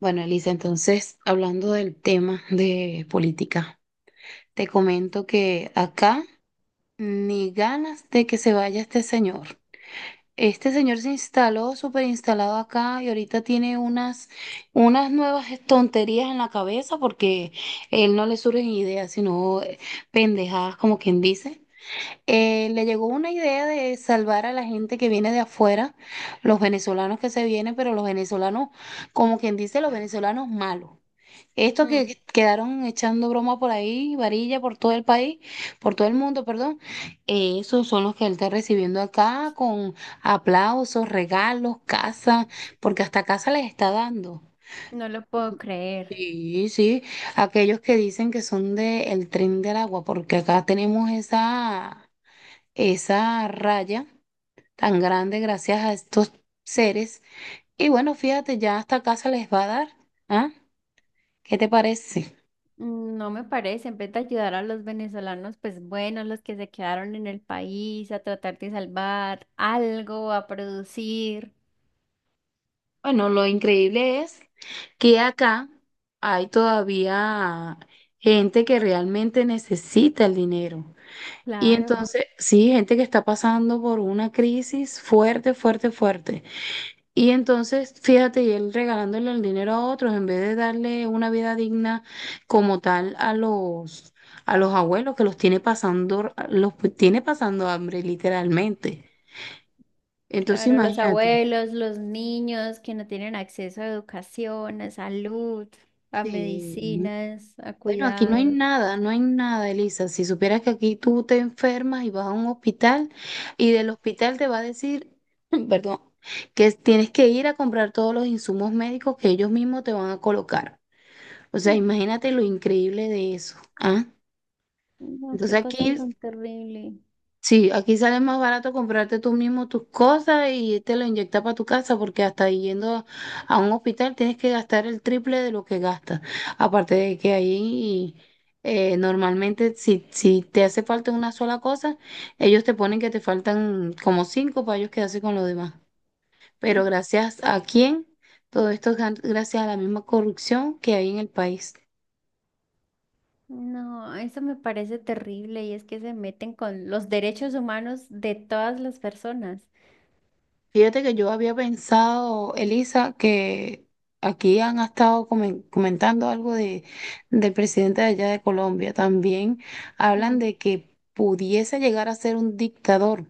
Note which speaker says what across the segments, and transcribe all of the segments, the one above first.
Speaker 1: Bueno, Elisa, entonces, hablando del tema de política, te comento que acá ni ganas de que se vaya este señor. Este señor se instaló, súper instalado acá y ahorita tiene unas nuevas tonterías en la cabeza porque él no le surgen ideas, sino pendejadas, como quien dice. Le llegó una idea de salvar a la gente que viene de afuera, los venezolanos que se vienen, pero los venezolanos, como quien dice, los venezolanos malos. Estos
Speaker 2: Mm,
Speaker 1: que quedaron echando broma por ahí, varilla por todo el país, por todo el mundo, perdón, esos son los que él está recibiendo acá con aplausos, regalos, casa, porque hasta casa les está dando.
Speaker 2: no lo puedo creer.
Speaker 1: Sí, sí, aquellos que dicen que son del tren del agua, porque acá tenemos esa raya tan grande gracias a estos seres. Y bueno, fíjate, ya hasta casa les va a dar, ¿ah? ¿Qué te parece?
Speaker 2: Mm, no me parece. En vez de ayudar a los venezolanos, pues bueno, los que se quedaron en el país, a tratar de salvar algo, a producir.
Speaker 1: Bueno, lo increíble es que acá hay todavía gente que realmente necesita el dinero. Y
Speaker 2: Claro,
Speaker 1: entonces, sí, gente que está pasando por una crisis fuerte, fuerte, fuerte. Y entonces, fíjate, y él regalándole el dinero a otros en vez de darle una vida digna como tal a a los abuelos que los tiene pasando hambre, literalmente. Entonces,
Speaker 2: claro, los
Speaker 1: imagínate.
Speaker 2: abuelos, los niños que no tienen acceso a educación, a salud, a
Speaker 1: Sí.
Speaker 2: medicinas, a
Speaker 1: Bueno, aquí no hay
Speaker 2: cuidados.
Speaker 1: nada, no hay nada, Elisa. Si supieras que aquí tú te enfermas y vas a un hospital y
Speaker 2: Mm,
Speaker 1: del hospital te va a decir, perdón, que tienes que ir a comprar todos los insumos médicos que ellos mismos te van a colocar. O sea,
Speaker 2: mm,
Speaker 1: imagínate lo increíble de eso, ¿ah?
Speaker 2: no, qué
Speaker 1: Entonces
Speaker 2: cosa
Speaker 1: aquí
Speaker 2: tan terrible.
Speaker 1: sí, aquí sale más barato comprarte tú mismo tus cosas y te lo inyectas para tu casa, porque hasta yendo a un hospital tienes que gastar el triple de lo que gastas. Aparte de que ahí normalmente si te hace falta una sola cosa, ellos te ponen que te faltan como cinco para ellos quedarse con lo demás. Pero
Speaker 2: Mm.
Speaker 1: gracias a quién, todo esto es gracias a la misma corrupción que hay en el país.
Speaker 2: No, eso me parece terrible y es que se meten con los derechos humanos de todas las personas.
Speaker 1: Fíjate que yo había pensado, Elisa, que aquí han estado comentando algo del presidente de allá de Colombia. También hablan
Speaker 2: Mm.
Speaker 1: de que pudiese llegar a ser un dictador.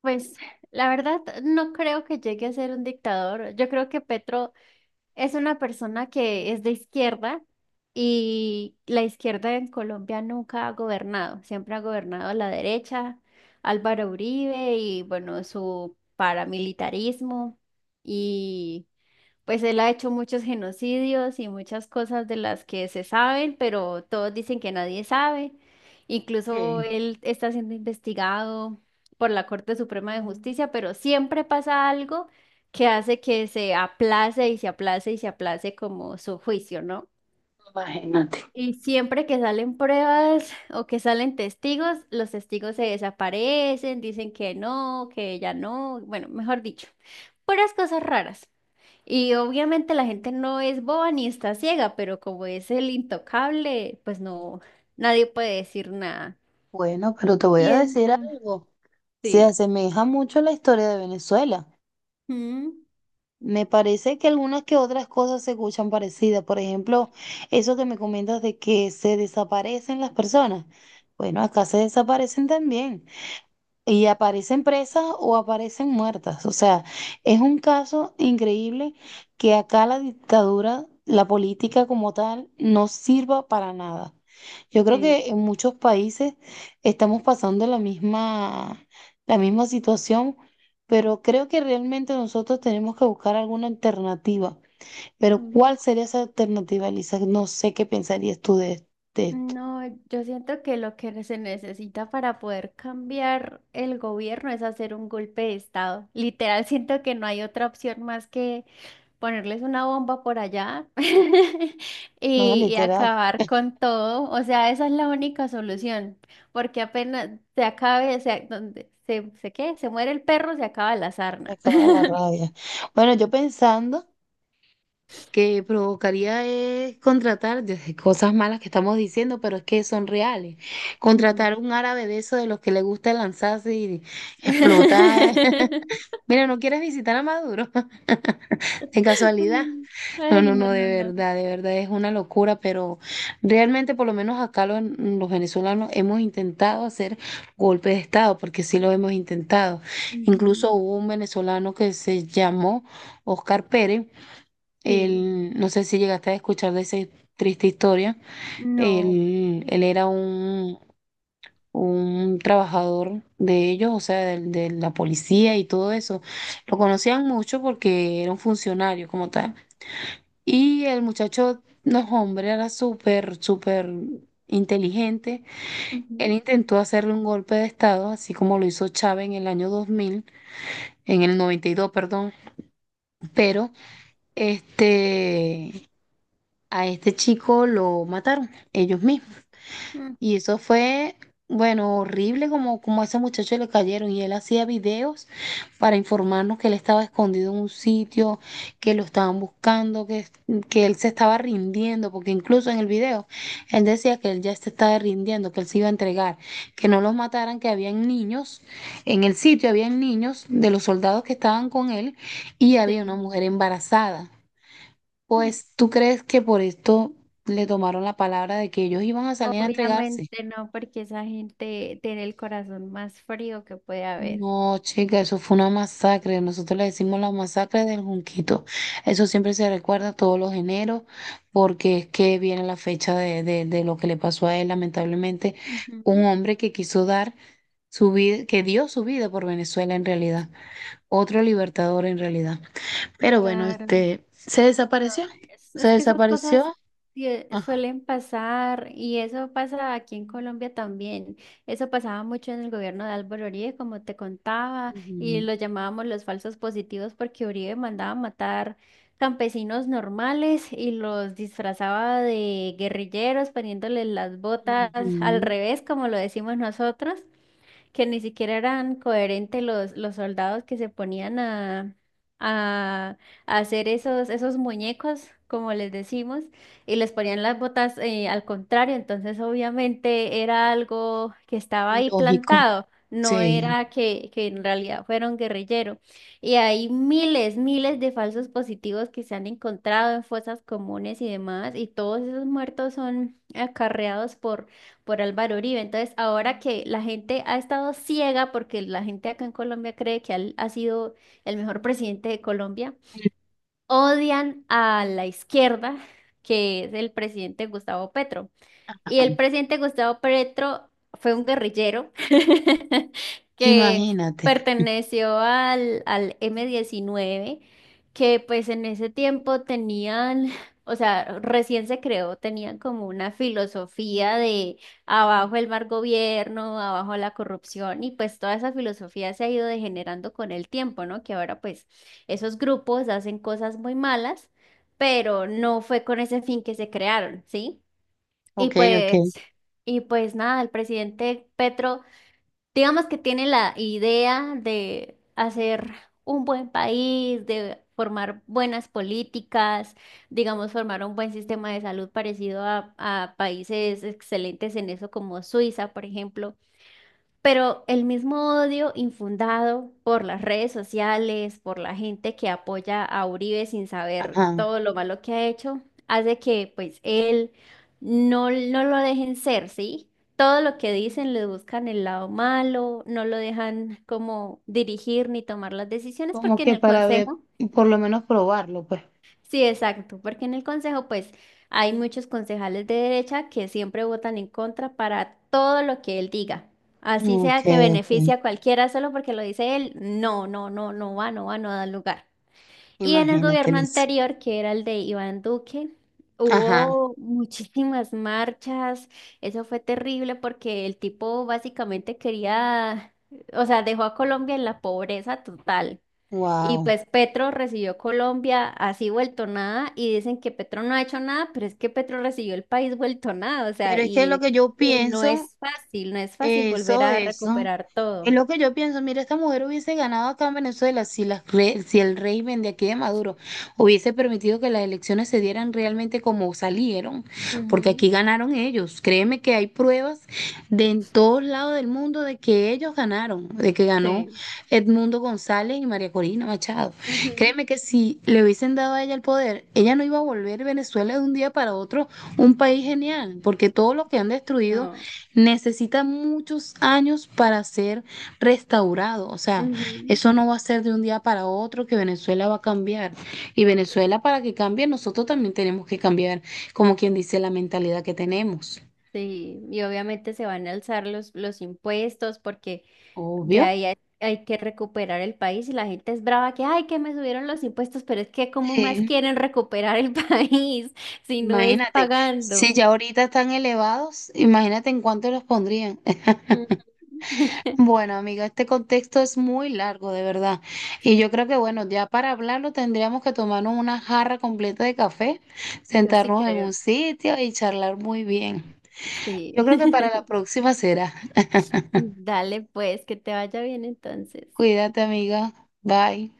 Speaker 2: Pues la verdad no creo que llegue a ser un dictador. Yo creo que Petro es una persona que es de izquierda y la izquierda en Colombia nunca ha gobernado. Siempre ha gobernado la derecha, Álvaro Uribe y bueno, su paramilitarismo. Pues él ha hecho muchos genocidios y muchas cosas de las que se saben, pero todos dicen que nadie sabe. Incluso
Speaker 1: Eh,
Speaker 2: él está siendo investigado por la Corte Suprema de Justicia, pero siempre pasa algo que hace que se aplace y se aplace y se aplace como su juicio, ¿no?
Speaker 1: Imagínate.
Speaker 2: Y siempre que salen pruebas o que salen testigos, los testigos se desaparecen, dicen que no, que ella no, bueno, mejor dicho, puras cosas raras. Y obviamente la gente no es boba ni está ciega, pero como es el intocable, pues no, nadie puede decir nada.
Speaker 1: Bueno, pero te voy
Speaker 2: Y
Speaker 1: a decir
Speaker 2: entonces,
Speaker 1: algo. Se
Speaker 2: sí.
Speaker 1: asemeja mucho a la historia de Venezuela.
Speaker 2: Mm,
Speaker 1: Me parece que algunas que otras cosas se escuchan parecidas. Por ejemplo, eso que me comentas de que se desaparecen las personas. Bueno, acá se desaparecen también. Y aparecen presas o aparecen muertas. O sea, es un caso increíble que acá la dictadura, la política como tal, no sirva para nada. Yo creo
Speaker 2: sí.
Speaker 1: que en muchos países estamos pasando la misma situación, pero creo que realmente nosotros tenemos que buscar alguna alternativa. Pero
Speaker 2: mm,
Speaker 1: ¿cuál sería esa alternativa, Elisa? No sé qué pensarías tú de esto.
Speaker 2: no, yo siento que lo que se necesita para poder cambiar el gobierno es hacer un golpe de estado. Literal, siento que no hay otra opción más que ponerles una bomba por allá
Speaker 1: No,
Speaker 2: y
Speaker 1: literal,
Speaker 2: acabar con todo. O sea, esa es la única solución, porque apenas se acabe, se, donde se, ¿qué? Se muere el perro, se acaba la
Speaker 1: me
Speaker 2: sarna.
Speaker 1: acaba la rabia. Bueno, yo pensando... que provocaría es contratar, desde cosas malas que estamos diciendo, pero es que son reales.
Speaker 2: Mm.
Speaker 1: Contratar un árabe de esos de los que le gusta lanzarse y explotar. Mira, ¿no quieres visitar a Maduro? De casualidad. No,
Speaker 2: Ay,
Speaker 1: no,
Speaker 2: no,
Speaker 1: no,
Speaker 2: no, no.
Speaker 1: de verdad es una locura, pero realmente por lo menos acá venezolanos hemos intentado hacer golpe de Estado, porque sí lo hemos intentado.
Speaker 2: Ujú.
Speaker 1: Incluso hubo un venezolano que se llamó Oscar Pérez,
Speaker 2: Sí,
Speaker 1: él, no sé si llegaste a escuchar de esa triste historia.
Speaker 2: no.
Speaker 1: Él era un trabajador de ellos, o sea, la policía y todo eso. Lo conocían mucho porque era un funcionario como tal. Y el muchacho, no, hombre, era súper, súper inteligente. Él intentó hacerle un golpe de estado, así como lo hizo Chávez en el año 2000, en el 92, perdón. Pero, este... a este chico lo mataron ellos mismos.
Speaker 2: Ujú. Mm,
Speaker 1: Y eso fue, bueno, horrible como, como a ese muchacho le cayeron y él hacía videos para informarnos que él estaba escondido en un sitio, que lo estaban buscando, que él se estaba rindiendo, porque incluso en el video él decía que él ya se estaba rindiendo, que él se iba a entregar, que no los mataran, que habían niños, en el sitio habían niños de los soldados que estaban con él y había una
Speaker 2: sí.
Speaker 1: mujer embarazada.
Speaker 2: Mm.
Speaker 1: Pues, ¿tú crees que por esto le tomaron la palabra de que ellos iban a salir a entregarse?
Speaker 2: Obviamente no, porque esa gente tiene el corazón más frío que puede haber.
Speaker 1: No, chica, eso fue una masacre. Nosotros le decimos la masacre del Junquito. Eso siempre se recuerda todos los eneros, porque es que viene la fecha de lo que le pasó a él, lamentablemente. Un
Speaker 2: Ujú.
Speaker 1: hombre que quiso dar su vida, que dio su vida por Venezuela en realidad. Otro libertador en realidad. Pero bueno,
Speaker 2: Claro.
Speaker 1: este, se desapareció.
Speaker 2: Es,
Speaker 1: Se
Speaker 2: es que esas
Speaker 1: desapareció.
Speaker 2: cosas
Speaker 1: Ajá.
Speaker 2: suelen pasar y eso pasa aquí en Colombia también. Eso pasaba mucho en el gobierno de Álvaro Uribe, como te contaba, y
Speaker 1: Ujú,
Speaker 2: lo llamábamos los falsos positivos porque Uribe mandaba matar campesinos normales y los disfrazaba de guerrilleros poniéndoles las botas al
Speaker 1: ujú.
Speaker 2: revés, como lo decimos nosotros, que ni siquiera eran coherentes los soldados que se ponían a, a hacer esos muñecos, como les decimos, y les ponían las botas al contrario, entonces obviamente era algo que estaba ahí
Speaker 1: Lógico,
Speaker 2: plantado. No
Speaker 1: sí.
Speaker 2: era que en realidad fueron guerrilleros. Y hay miles, miles de falsos positivos que se han encontrado en fosas comunes y demás, y todos esos muertos son acarreados por Álvaro Uribe. Entonces, ahora que la gente ha estado ciega, porque la gente acá en Colombia cree que él ha sido el mejor presidente de Colombia, odian a la izquierda, que es el presidente Gustavo Petro. Y el presidente Gustavo Petro fue un guerrillero que
Speaker 1: Imagínate.
Speaker 2: perteneció al M-19, que pues en ese tiempo tenían, o sea, recién se creó, tenían como una filosofía de abajo el mal gobierno, abajo la corrupción, y pues toda esa filosofía se ha ido degenerando con el tiempo, ¿no? Que ahora pues esos grupos hacen cosas muy malas, pero no fue con ese fin que se crearon, ¿sí? Y
Speaker 1: Ok, ok.
Speaker 2: pues y pues nada, el presidente Petro, digamos que tiene la idea de hacer un buen país, de formar buenas políticas, digamos, formar un buen sistema de salud parecido a países excelentes en eso como Suiza, por ejemplo. Pero el mismo odio infundado por las redes sociales, por la gente que apoya a Uribe sin saber
Speaker 1: Ajá.
Speaker 2: todo lo malo que ha hecho, hace que pues él no, no lo dejen ser, ¿sí? Todo lo que dicen le buscan el lado malo, no lo dejan como dirigir ni tomar las decisiones
Speaker 1: Como
Speaker 2: porque en
Speaker 1: que
Speaker 2: el
Speaker 1: para ver,
Speaker 2: consejo.
Speaker 1: por lo menos probarlo, pues.
Speaker 2: Sí, exacto, porque en el Consejo pues hay muchos concejales de derecha que siempre votan en contra para todo lo que él diga. Así
Speaker 1: Ok,
Speaker 2: sea que
Speaker 1: ok.
Speaker 2: beneficie a cualquiera solo porque lo dice él, no, no, no, no va, no va, no da lugar. Y en el
Speaker 1: Imagínate,
Speaker 2: gobierno
Speaker 1: Lisa.
Speaker 2: anterior, que era el de Iván Duque,
Speaker 1: Ajá.
Speaker 2: hubo muchísimas marchas. Eso fue terrible porque el tipo básicamente quería, o sea, dejó a Colombia en la pobreza total. Y
Speaker 1: Wow.
Speaker 2: pues Petro recibió Colombia así vuelto nada y dicen que Petro no ha hecho nada, pero es que Petro recibió el país vuelto nada, o sea,
Speaker 1: Pero es que lo
Speaker 2: y,
Speaker 1: que yo
Speaker 2: y no
Speaker 1: pienso.
Speaker 2: es fácil, no es fácil volver
Speaker 1: Eso,
Speaker 2: a
Speaker 1: eso.
Speaker 2: recuperar
Speaker 1: Es
Speaker 2: todo.
Speaker 1: lo que yo pienso. Mira, esta mujer hubiese ganado acá en Venezuela si, si el régimen de aquí de Maduro hubiese permitido que las elecciones se dieran realmente como salieron, porque
Speaker 2: Ujú,
Speaker 1: aquí ganaron ellos. Créeme que hay pruebas de en todos lados del mundo de que ellos ganaron, de que ganó
Speaker 2: sí.
Speaker 1: Edmundo González y María Corina Machado.
Speaker 2: Ujú,
Speaker 1: Créeme que si le hubiesen dado a ella el poder, ella no iba a volver Venezuela de un día para otro un país genial, porque todo lo que han destruido
Speaker 2: no.
Speaker 1: necesita muchos años para ser restaurado. O sea,
Speaker 2: Ujú,
Speaker 1: eso no va a ser de un día para otro que Venezuela va a cambiar. Y Venezuela para que cambie, nosotros también tenemos que cambiar, como quien dice, la mentalidad que tenemos.
Speaker 2: sí, y obviamente se van a alzar los impuestos porque de
Speaker 1: Obvio.
Speaker 2: ahí hay que recuperar el país y la gente es brava que, ay, que me subieron los impuestos, pero es que ¿cómo más
Speaker 1: Sí.
Speaker 2: quieren recuperar el país si no es
Speaker 1: Imagínate, si
Speaker 2: pagando?
Speaker 1: ya ahorita están elevados, imagínate en cuánto los pondrían.
Speaker 2: Ujú.
Speaker 1: Bueno, amiga, este contexto es muy largo, de verdad. Y yo creo que, bueno, ya para hablarlo tendríamos que tomarnos una jarra completa de café,
Speaker 2: Yo sí
Speaker 1: sentarnos en un
Speaker 2: creo,
Speaker 1: sitio y charlar muy bien.
Speaker 2: sí.
Speaker 1: Yo creo que para la próxima será.
Speaker 2: Dale, pues, que te vaya bien entonces.
Speaker 1: Cuídate, amiga. Bye.